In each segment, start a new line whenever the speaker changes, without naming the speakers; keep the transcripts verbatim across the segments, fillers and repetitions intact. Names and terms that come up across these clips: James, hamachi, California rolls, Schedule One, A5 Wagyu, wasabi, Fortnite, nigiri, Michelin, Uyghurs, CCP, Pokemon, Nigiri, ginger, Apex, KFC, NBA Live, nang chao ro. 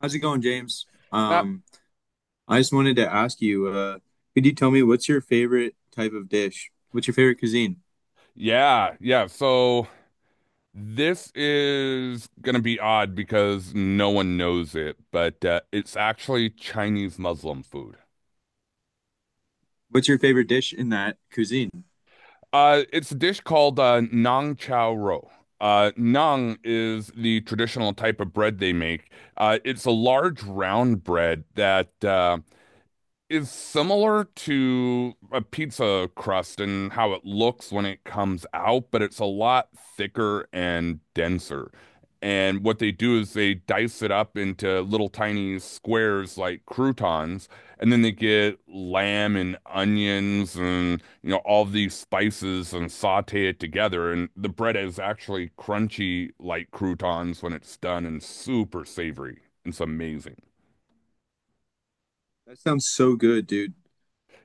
How's it going, James?
Not,
Um, I just wanted to ask you, uh, could you tell me what's your favorite type of dish? What's your favorite cuisine?
Yeah, yeah. So this is going to be odd because no one knows it, but uh, it's actually Chinese Muslim food.
What's your favorite dish in that cuisine?
Uh, it's a dish called uh, nang chao ro. Uh, nang is the traditional type of bread they make. Uh, it's a large round bread that uh, is similar to a pizza crust and how it looks when it comes out, but it's a lot thicker and denser. And what they do is they dice it up into little tiny squares like croutons, and then they get lamb and onions and you know all these spices and saute it together. And the bread is actually crunchy like croutons when it's done and super savory. It's amazing.
That sounds so good, dude.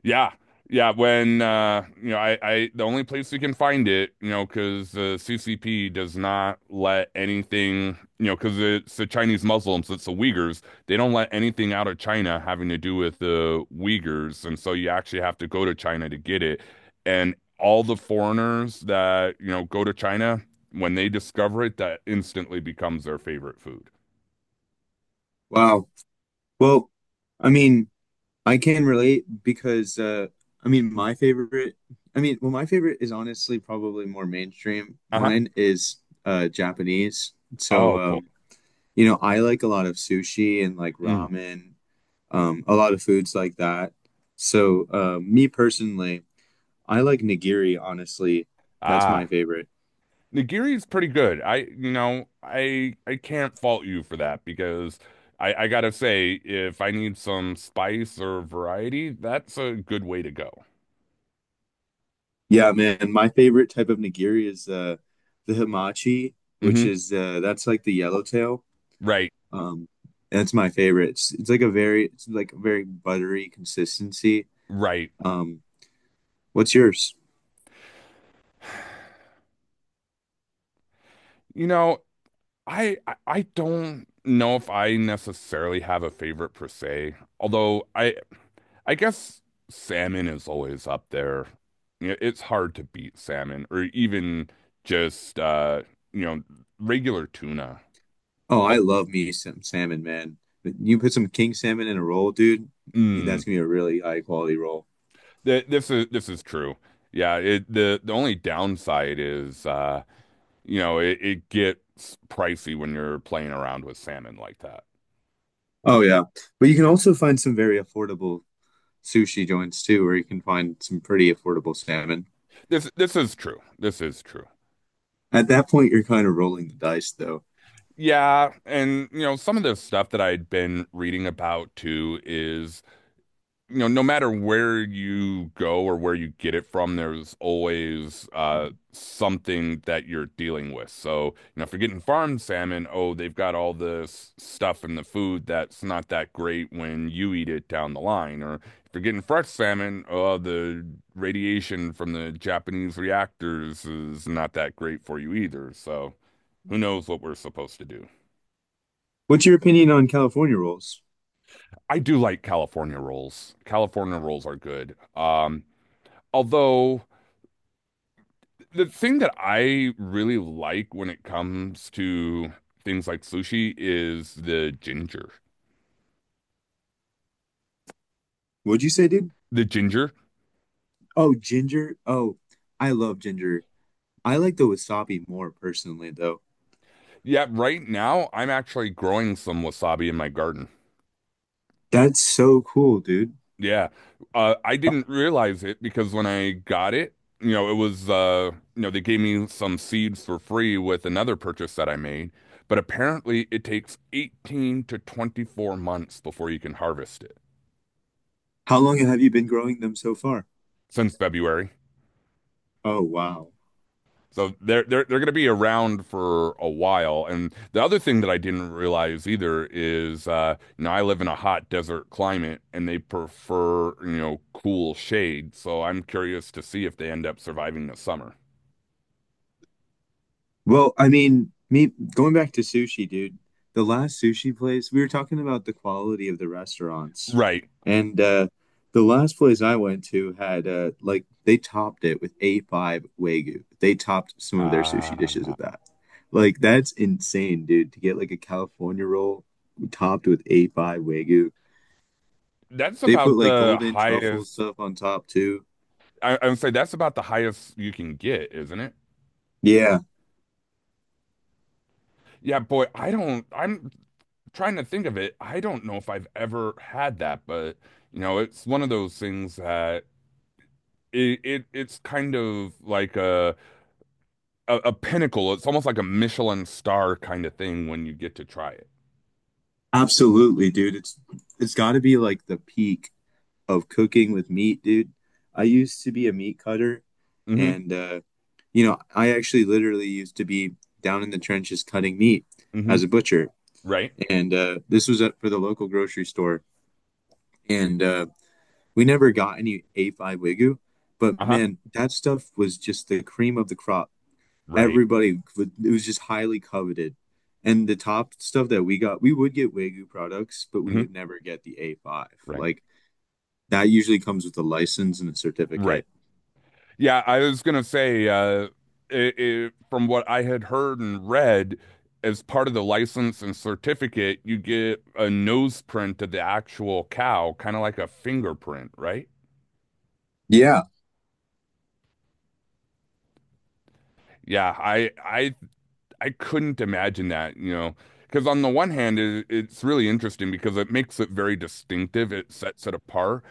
Yeah. Yeah, when uh you know I I the only place we can find it, you know, because the C C P does not let anything, you know, because it's the Chinese Muslims, it's the Uyghurs, they don't let anything out of China having to do with the Uyghurs, and so you actually have to go to China to get it. And all the foreigners that, you know, go to China, when they discover it, that instantly becomes their favorite food.
Wow. Well, I mean, I can relate because uh, I mean, my favorite, I mean, well, my favorite is honestly probably more mainstream.
Uh-huh.
Mine is uh, Japanese. So,
Oh, cool.
um, you know, I like a lot of sushi and like
Mm.
ramen, um, a lot of foods like that. So, uh, me personally, I like nigiri, honestly. That's my
Ah.
favorite.
Nigiri's pretty good. I, you know, I I can't fault you for that because I I gotta say, if I need some spice or variety, that's a good way to go.
Yeah, man, my favorite type of nigiri is uh, the hamachi, which
hmm
is uh, that's like the yellowtail.
Right,
Um, that's my favorite. It's, it's like a very it's like a very buttery consistency.
right.
Um, what's yours?
You know, I I I don't know if I necessarily have a favorite per se, although I I guess salmon is always up there. You know, it's hard to beat salmon or even just uh, you know, regular tuna.
Oh, I
Al-
love me some salmon, man. You put some king salmon in a roll, dude, that's
Mm.
gonna be a really high quality roll.
Th- This is this is true. Yeah, it, the the only downside is uh, you know, it, it gets pricey when you're playing around with salmon like that.
Oh yeah. But you can also find some very affordable sushi joints too, where you can find some pretty affordable salmon.
This this is true. This is true.
At that point, you're kind of rolling the dice, though.
Yeah, and you know, some of the stuff that I'd been reading about too is you know, no matter where you go or where you get it from, there's always uh something that you're dealing with. So, you know, if you're getting farmed salmon, oh, they've got all this stuff in the food that's not that great when you eat it down the line. Or if you're getting fresh salmon, oh, the radiation from the Japanese reactors is not that great for you either. So, who knows what we're supposed to do.
What's your opinion on California rolls?
I do like California rolls. California rolls are good. Um, although The thing that I really like when it comes to things like sushi is the ginger.
What'd you say, dude?
The ginger.
Oh, ginger. Oh, I love ginger. I like the wasabi more personally, though.
Yeah, right now I'm actually growing some wasabi in my garden.
That's so cool, dude.
Yeah. Uh, I didn't realize it because when I got it, you know, it was, uh, you know, they gave me some seeds for free with another purchase that I made. But apparently it takes eighteen to twenty-four months before you can harvest it
How long have you been growing them so far?
since February.
Oh, wow.
So they're they're they're going to be around for a while. And the other thing that I didn't realize either is, uh, you know, I live in a hot desert climate, and they prefer, you know, cool shade. So I'm curious to see if they end up surviving the summer.
Well, I mean, me going back to sushi, dude, the last sushi place, we were talking about the quality of the restaurants.
Right.
And uh the last place I went to had uh like they topped it with A five Wagyu. They topped some of their
Ah,
sushi dishes with that. Like that's insane, dude, to get like a California roll topped with A five Wagyu.
that's
They put
about
like
the
golden truffle
highest.
stuff on top too.
I, I would say that's about the highest you can get, isn't it?
Yeah,
Yeah, boy. I don't. I'm trying to think of it, I don't know if I've ever had that, but you know, it's one of those things that. it, it it's kind of like a, a a pinnacle. It's almost like a Michelin star kind of thing when you get to try it.
absolutely, dude. It's it's got to be like the peak of cooking with meat, dude. I used to be a meat cutter,
Mm-hmm.
and uh, you know, I actually literally used to be down in the trenches cutting meat
Mm-hmm.
as a butcher,
Right.
and uh, this was at, for the local grocery store, and uh, we never got any A five Wagyu, but
Uh-huh.
man, that stuff was just the cream of the crop.
Right.
Everybody, would, it was just highly coveted. And the top stuff that we got, we would get Wagyu products, but we
Mm-hmm.
would never get the A five.
Right.
Like that usually comes with a license and a
Right.
certificate.
Yeah, I was gonna say, uh, it, it, from what I had heard and read, as part of the license and certificate, you get a nose print of the actual cow, kind of like a fingerprint, right?
Yeah.
Yeah, I I I couldn't imagine that, you know, because on the one hand, it, it's really interesting because it makes it very distinctive. It sets it apart.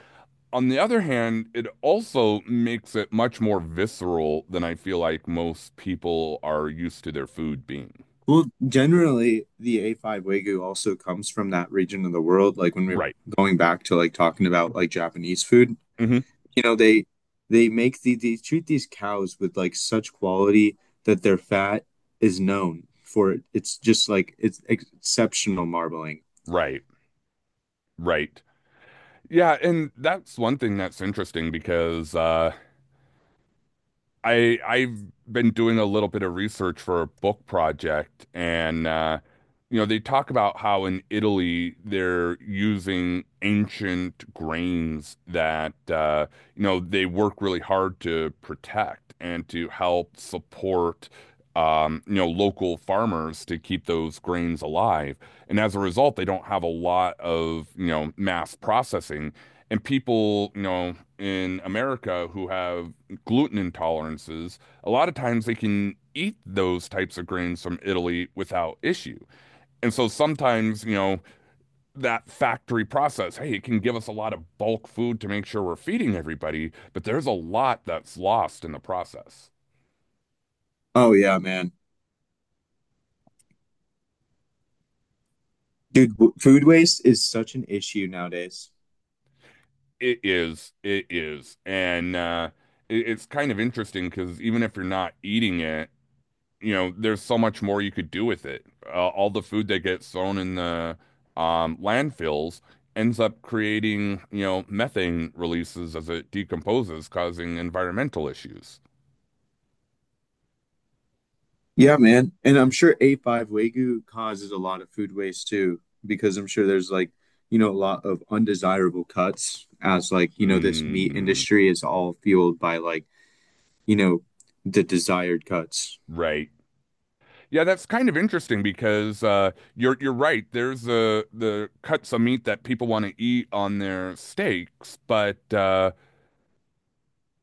On the other hand, it also makes it much more visceral than I feel like most people are used to their food being.
Well, generally, the A five Wagyu also comes from that region of the world. Like when we're
Right.
going back to like talking about like Japanese food,
hmm
you know, they they make the they treat these cows with like such quality that their fat is known for it. It's just like it's exceptional marbling.
Right. Right. Yeah, and that's one thing that's interesting because uh I I've been doing a little bit of research for a book project, and uh, you know, they talk about how in Italy they're using ancient grains that uh, you know, they work really hard to protect and to help support um, you know, local farmers to keep those grains alive. And as a result, they don't have a lot of, you know, mass processing. And people, you know, in America who have gluten intolerances, a lot of times they can eat those types of grains from Italy without issue. And so sometimes, you know, that factory process, hey, it can give us a lot of bulk food to make sure we're feeding everybody, but there's a lot that's lost in the process.
Oh yeah, man. Dude, w- food waste is such an issue nowadays.
It is, it is. And uh, it, it's kind of interesting because even if you're not eating it, you know, there's so much more you could do with it. Uh, all the food that gets thrown in the um, landfills ends up creating, you know, methane releases as it decomposes, causing environmental issues.
Yeah, man. And I'm sure A five Wagyu causes a lot of food waste too, because I'm sure there's like, you know, a lot of undesirable cuts as like, you know, this meat
Mm,
industry is all fueled by like, you know, the desired cuts.
right. Yeah, that's kind of interesting because uh, you're you're right. There's uh, the cuts of meat that people want to eat on their steaks, but uh,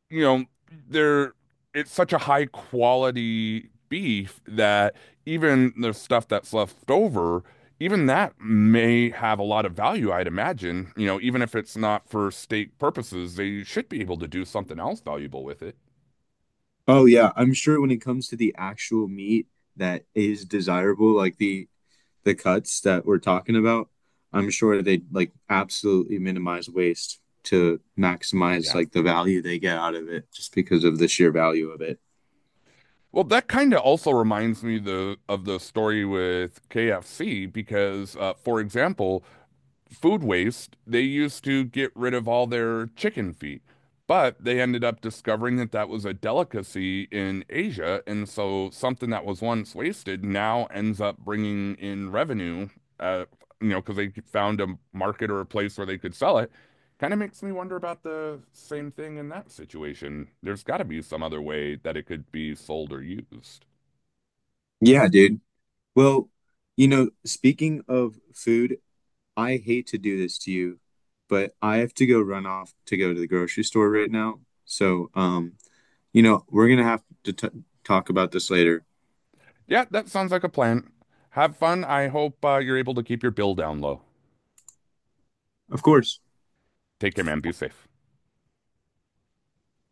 you know, they're it's such a high quality beef that even the stuff that's left over, even that may have a lot of value, I'd imagine. You know, even if it's not for steak purposes, they should be able to do something else valuable with it.
Oh yeah, I'm sure when it comes to the actual meat that is desirable, like the the cuts that we're talking about, I'm sure they like absolutely minimize waste to maximize
Yeah.
like the value they get out of it just because of the sheer value of it.
Well, that kind of also reminds me the of the story with K F C because, uh, for example, food waste, they used to get rid of all their chicken feet. But they ended up discovering that that was a delicacy in Asia. And so something that was once wasted now ends up bringing in revenue, uh, you know, because they found a market or a place where they could sell it. Kind of makes me wonder about the same thing in that situation. There's got to be some other way that it could be sold or used.
Yeah, dude. Well, you know, speaking of food, I hate to do this to you, but I have to go run off to go to the grocery store right now. So, um, you know, we're gonna have to t talk about this later.
Yeah, that sounds like a plan. Have fun. I hope uh, you're able to keep your bill down low.
Of course.
Take care, man. Be safe.